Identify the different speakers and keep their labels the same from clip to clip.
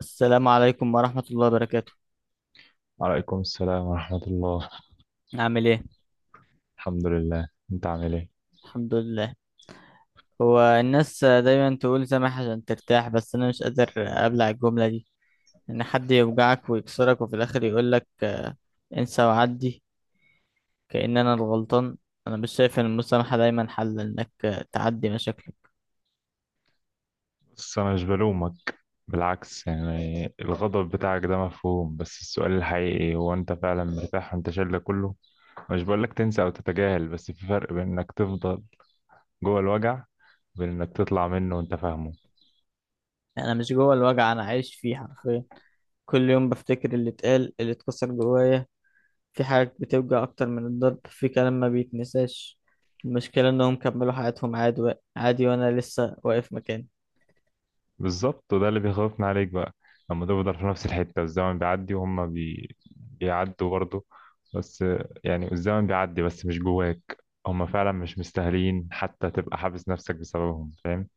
Speaker 1: السلام عليكم ورحمة الله وبركاته.
Speaker 2: وعليكم السلام ورحمة الله.
Speaker 1: عامل ايه؟
Speaker 2: الحمد لله، انت عامل ايه؟
Speaker 1: الحمد لله. هو الناس دايما تقول سامح عشان ترتاح، بس انا مش قادر ابلع الجملة دي، ان حد يوجعك ويكسرك وفي الاخر يقولك انسى وعدي، كأن انا الغلطان. انا مش شايف ان المسامحة دايما حل انك تعدي مشاكلك.
Speaker 2: بس انا مش بلومك، بالعكس. يعني الغضب بتاعك ده مفهوم، بس السؤال الحقيقي هو انت فعلا مرتاح وانت شايل ده كله؟ مش بقولك تنسى او تتجاهل، بس في فرق بين انك تفضل جوه الوجع، وبين انك تطلع منه وانت فاهمه.
Speaker 1: انا مش جوه الوجع، انا عايش فيه حرفيا. كل يوم بفتكر اللي اتقال، اللي اتكسر جوايا. في حاجات بتوجع أكتر من الضرب، في كلام ما بيتنساش. المشكلة إنهم كملوا حياتهم عادي عادي، وأنا لسه واقف مكاني.
Speaker 2: بالظبط، وده اللي بيخوفنا عليك بقى. لما تفضل في نفس الحتة، الزمن بيعدي وهم بيعدوا برضه. بس يعني الزمن بيعدي بس مش جواك. هم فعلا مش مستاهلين حتى تبقى حابس نفسك بسببهم، فاهم؟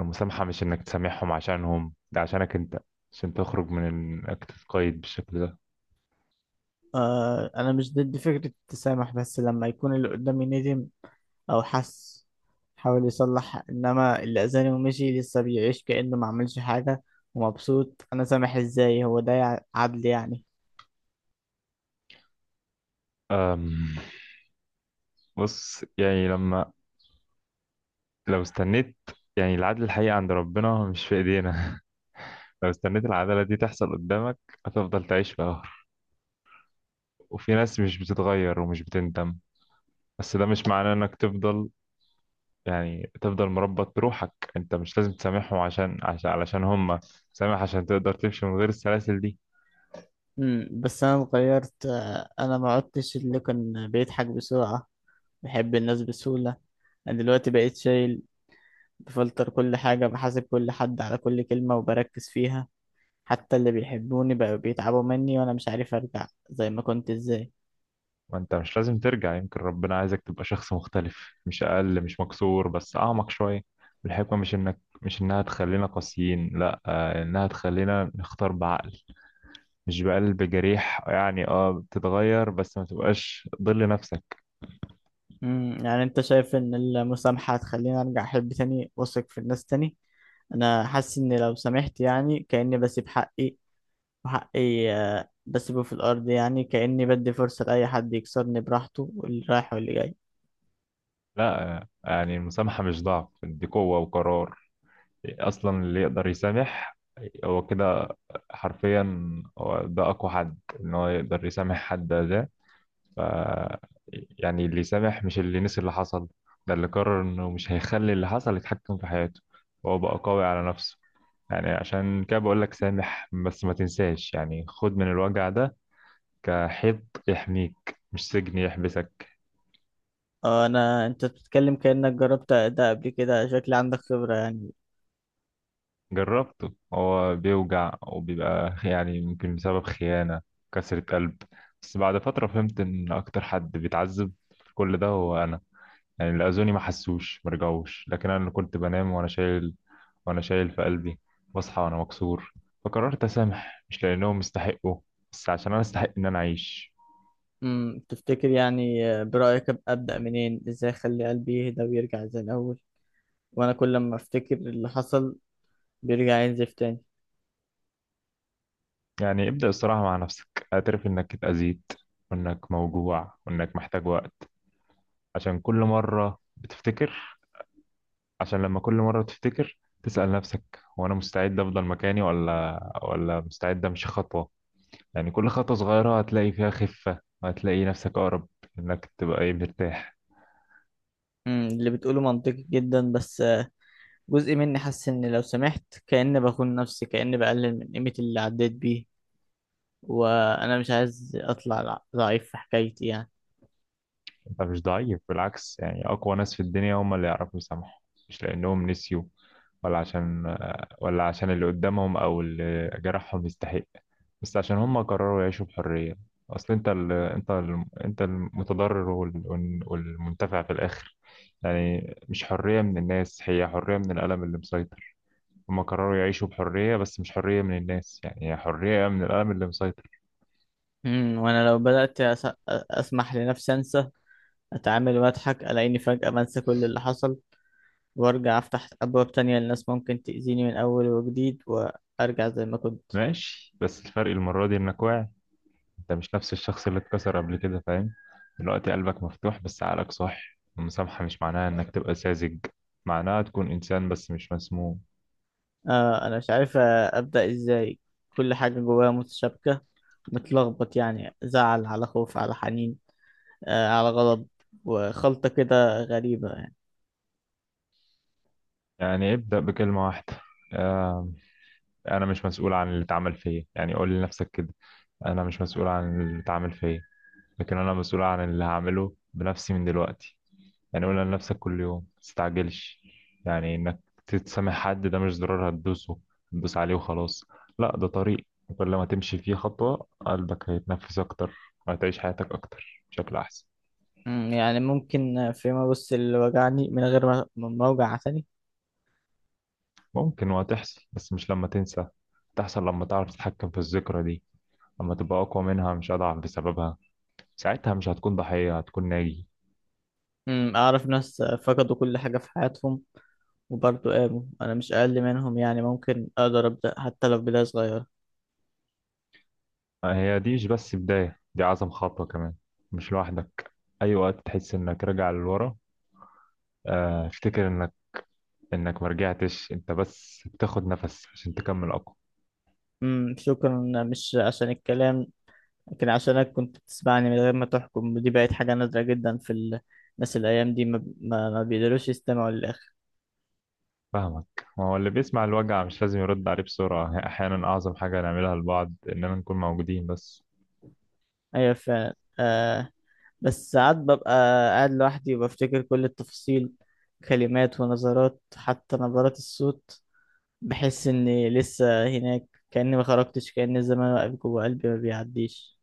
Speaker 2: المسامحة مش انك تسامحهم عشانهم، ده عشانك انت، عشان تخرج من انك تتقيد بالشكل ده.
Speaker 1: آه، انا مش ضد فكرة التسامح، بس لما يكون اللي قدامي ندم او حس، حاول يصلح. انما اللي اذاني ومشي لسه بيعيش كأنه ما عملش حاجة ومبسوط، انا سامح ازاي؟ هو ده عدل يعني؟
Speaker 2: أم... بص يعني لما لو استنيت، يعني العدل الحقيقي عند ربنا مش في ايدينا. لو استنيت العدالة دي تحصل قدامك هتفضل تعيش في قهر. وفي ناس مش بتتغير ومش بتندم، بس ده مش معناه انك تفضل، يعني تفضل مربط بروحك. انت مش لازم تسامحهم عشان عشان علشان هم، سامح عشان تقدر تمشي من غير السلاسل دي.
Speaker 1: بس انا اتغيرت آه، انا ما عدتش اللي كان بيضحك بسرعة، بحب الناس بسهولة. انا دلوقتي بقيت شايل، بفلتر كل حاجة، بحاسب كل حد على كل كلمة وبركز فيها. حتى اللي بيحبوني بقوا بيتعبوا مني، وأنا مش عارف أرجع زي ما كنت إزاي.
Speaker 2: وانت مش لازم ترجع، يمكن ربنا عايزك تبقى شخص مختلف، مش اقل، مش مكسور، بس اعمق شوية. الحكمة مش انها تخلينا قاسيين، لا، انها تخلينا نختار بعقل، مش بقلب جريح. يعني اه بتتغير بس ما تبقاش ضل نفسك.
Speaker 1: يعني أنت شايف إن المسامحة هتخليني أرجع أحب تاني وأثق في الناس تاني؟ أنا حاسس إن لو سامحت يعني كأني بسيب حقي، وحقي آه، بسيبه في الأرض، يعني كأني بدي فرصة لأي حد يكسرني براحته، واللي رايح واللي جاي.
Speaker 2: لا، يعني المسامحة مش ضعف، دي قوة وقرار. اصلا اللي يقدر يسامح هو كده، حرفيا، هو ده اقوى حد. ان هو يقدر يسامح حد ده، ف يعني اللي يسامح مش اللي نسي اللي حصل، ده اللي قرر انه مش هيخلي اللي حصل يتحكم في حياته، وهو بقى قوي على نفسه. يعني عشان كده بقول لك سامح بس ما تنساش. يعني خد من الوجع ده كحيط يحميك، مش سجن يحبسك.
Speaker 1: آه، أنت بتتكلم كأنك جربت ده قبل كده، شكلي عندك خبرة يعني.
Speaker 2: جربته، هو بيوجع، وبيبقى يعني يمكن بسبب خيانة، كسرة قلب. بس بعد فترة فهمت إن أكتر حد بيتعذب في كل ده هو أنا. يعني اللي أذوني ما حسوش، ما رجعوش، لكن أنا اللي كنت بنام وأنا شايل، وأنا شايل في قلبي، بصحى وأنا مكسور. فقررت أسامح مش لأنهم استحقوا، بس عشان أنا أستحق إن أنا أعيش.
Speaker 1: تفتكر يعني آه، برأيك أبدأ منين؟ ازاي اخلي قلبي يهدى ويرجع زي الأول؟ وانا كل ما افتكر اللي حصل بيرجع ينزف تاني.
Speaker 2: يعني ابدأ الصراحة مع نفسك، اعترف إنك اتأذيت، وإنك موجوع، وإنك محتاج وقت. عشان كل مرة بتفتكر عشان لما كل مرة تفتكر، تسأل نفسك، هو أنا مستعد أفضل مكاني ولا مستعد أمشي خطوة. يعني كل خطوة صغيرة هتلاقي فيها خفة، هتلاقي نفسك أقرب، إنك تبقى إيه، مرتاح.
Speaker 1: اللي بتقوله منطقي جدا، بس آه، جزء مني حاسس ان لو سمحت كأني بخون نفسي، كأني بقلل من قيمة اللي عديت بيه، وانا مش عايز اطلع ضعيف في حكايتي يعني.
Speaker 2: انت مش ضعيف، بالعكس، يعني اقوى ناس في الدنيا هم اللي يعرفوا يسامحوا. مش لانهم نسيوا ولا عشان ولا عشان اللي قدامهم او اللي جرحهم يستحق، بس عشان هم قرروا يعيشوا بحرية. اصل انت انت المتضرر والمنتفع في الاخر. يعني مش حرية من الناس، هي حرية من الألم اللي مسيطر. هم قرروا يعيشوا بحرية بس مش حرية من الناس، يعني هي حرية من الألم اللي مسيطر.
Speaker 1: وانا لو بدأت اسمح لنفسي انسى، اتعامل واضحك، الاقيني فجأة بنسى كل اللي حصل وارجع افتح ابواب تانية للناس، ممكن تأذيني من اول وجديد وارجع زي ما كنت.
Speaker 2: ماشي، بس الفرق المرة دي انك واعي. انت مش نفس الشخص اللي اتكسر قبل كده، فاهم؟ دلوقتي قلبك مفتوح بس عقلك صح. المسامحة مش معناها انك تبقى ساذج، معناها تكون انسان بس مش مسموم.
Speaker 1: آه، انا مش عارف آه، ابدأ ازاي. كل حاجة جوايا متشابكة، متلخبط يعني، زعل على خوف على حنين آه على غضب، وخلطة كده غريبة يعني.
Speaker 2: يعني ابدأ بكلمة واحدة، آه، انا مش مسؤول عن اللي اتعمل فيا. يعني قول لنفسك كده، انا مش مسؤول عن اللي اتعمل فيا، لكن انا مسؤول عن اللي هعمله بنفسي من دلوقتي. يعني قول لنفسك كل يوم متستعجلش. يعني انك تتسامح حد ده مش زرار هتدوسه، هتدوس عليه وخلاص. لا، ده طريق، وكل ما تمشي فيه خطوة قلبك هيتنفس أكتر، وهتعيش حياتك أكتر بشكل أحسن.
Speaker 1: يعني ممكن آه، فيما بص اللي وجعني من غير ما ما اوجع تاني؟
Speaker 2: ممكن وهتحصل، بس مش لما تنسى، تحصل لما تعرف تتحكم في الذكرى دي، لما تبقى أقوى منها مش أضعف بسببها. ساعتها مش هتكون ضحية، هتكون ناجي.
Speaker 1: اعرف ناس آه، فقدوا كل حاجة في حياتهم وبرضه قاموا، انا مش اقل منهم يعني، ممكن اقدر ابدأ حتى لو بداية صغيرة.
Speaker 2: هي دي مش بس بداية، دي أعظم خطوة كمان. مش لوحدك. أي وقت تحس إنك راجع للورا، افتكر انك ما رجعتش، انت بس بتاخد نفس عشان تكمل اقوى.
Speaker 1: شكرا، مش عشان الكلام، لكن عشانك كنت بتسمعني من غير ما تحكم، ودي بقت حاجة نادرة جدا في الناس الأيام دي ما بيقدروش يستمعوا للآخر.
Speaker 2: فاهمك، ما هو اللي بيسمع الوجع مش لازم يرد عليه بسرعة. احيانا اعظم حاجة نعملها لبعض اننا نكون موجودين بس.
Speaker 1: أيوة فعلا آه. بس ساعات ببقى قاعد لوحدي وبفتكر كل التفاصيل، كلمات ونظرات حتى نبرات الصوت. بحس إني لسه هناك، كأني ما خرجتش، كأن الزمان واقف جوه قلبي ما بيعديش.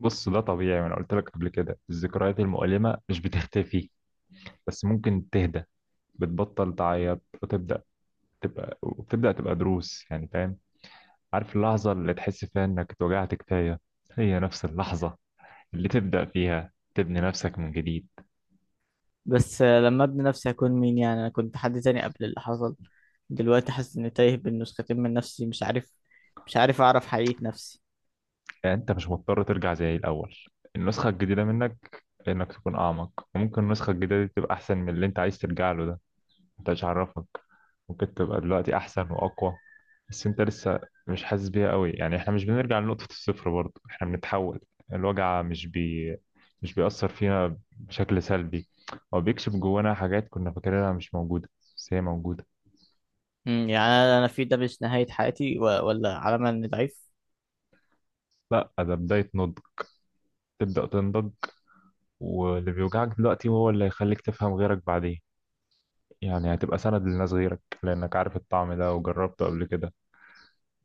Speaker 2: بص، ده طبيعي، وانا قلت لك قبل كده الذكريات المؤلمة مش بتختفي، بس ممكن تهدى، بتبطل تعيط وتبدأ تبقى وبتبدأ تبقى دروس. يعني فاهم، عارف اللحظة اللي تحس فيها انك اتوجعت كفاية هي نفس اللحظة اللي تبدأ فيها تبني نفسك من جديد.
Speaker 1: بس آه، لما ابني نفسي هكون مين يعني؟ انا كنت حد تاني قبل اللي حصل، دلوقتي حاسس اني تايه بين نسختين من نفسي، مش عارف اعرف حقيقة نفسي.
Speaker 2: يعني انت مش مضطر ترجع زي الاول. النسخه الجديده منك انك تكون اعمق، وممكن النسخه الجديده دي تبقى احسن من اللي انت عايز ترجع له ده. انت مش عارفك، ممكن تبقى دلوقتي احسن واقوى، بس انت لسه مش حاسس بيها قوي. يعني احنا مش بنرجع لنقطه الصفر، برضه احنا بنتحول. الوجع مش بيأثر فينا بشكل سلبي، هو بيكشف جوانا حاجات كنا فاكرينها مش موجوده، بس هي موجوده.
Speaker 1: يعني أنا في ده مش نهاية حياتي ولا علامة اني ضعيف.
Speaker 2: لا، ده بدايه نضج، تبدأ تنضج. واللي بيوجعك دلوقتي هو اللي هيخليك تفهم غيرك بعدين، يعني هتبقى سند لناس غيرك لأنك عارف الطعم ده وجربته قبل كده،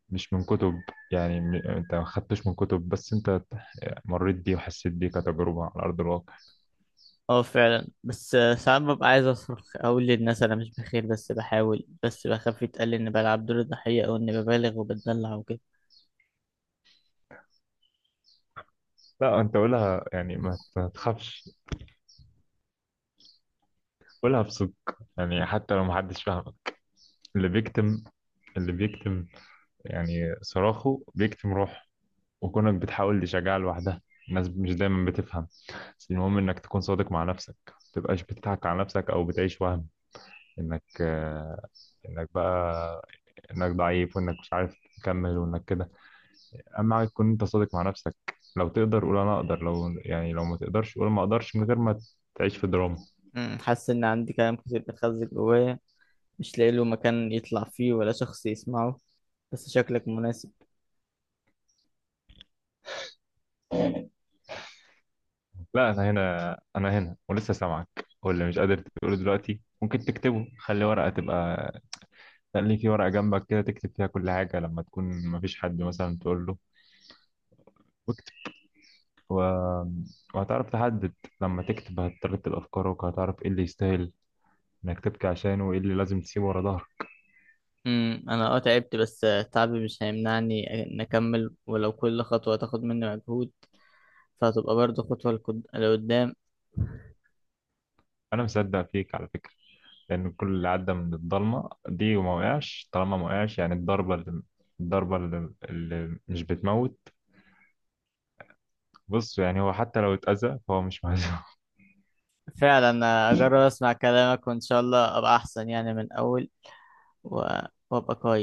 Speaker 2: مش من كتب. يعني أنت ما خدتش من كتب، بس أنت مريت بيه وحسيت بيه كتجربة على أرض الواقع.
Speaker 1: اه فعلا، بس آه، ساعات ببقى عايز اصرخ اقول للناس انا مش بخير، بس بحاول، بس بخاف يتقال اني بلعب دور الضحية او اني ببالغ وبتدلع وكده.
Speaker 2: لا أنت قولها، يعني ما تخافش، قولها بصدق، يعني حتى لو محدش فاهمك. اللي بيكتم اللي بيكتم يعني صراخه بيكتم روحه، وكونك بتحاول تشجعها لوحدها. الناس مش دايما بتفهم، بس المهم إنك تكون صادق مع نفسك، ما تبقاش بتضحك على نفسك أو بتعيش وهم. إنك آه، انك بقى انك ضعيف، وانك مش عارف تكمل، وانك كده. اهم حاجه تكون انت صادق مع نفسك. لو تقدر قول انا اقدر، لو ما تقدرش قول ما اقدرش، من غير ما تعيش في دراما.
Speaker 1: حاسس ان عندي كلام كتير بتخزن جوايا، مش لاقي له مكان يطلع فيه ولا شخص يسمعه، بس شكلك مناسب.
Speaker 2: لا، انا هنا، انا هنا، ولسه سامعك. واللي مش قادر تقوله دلوقتي ممكن تكتبه. خلي في ورقه جنبك كده تكتب فيها كل حاجه، لما تكون ما فيش حد مثلا تقول له، واكتب و... وهتعرف تحدد. لما تكتب هترتب افكارك وهتعرف ايه اللي يستاهل انك تبكي عشانه، وايه اللي لازم تسيبه ورا ظهرك.
Speaker 1: انا اه تعبت، بس آه، تعبي مش هيمنعني ان اكمل، ولو كل خطوه تاخد مني مجهود فهتبقى برضه خطوه لقدام.
Speaker 2: انا مصدق فيك على فكره، لأن كل اللي عدى من الضلمة دي وما وقعش، طالما ما وقعش يعني الضربة اللي مش بتموت. بص يعني هو حتى لو اتأذى فهو مش مهزوم.
Speaker 1: فعلا آه، اجرب اسمع كلامك وان شاء الله ابقى احسن يعني من اول و- وابقى كويس.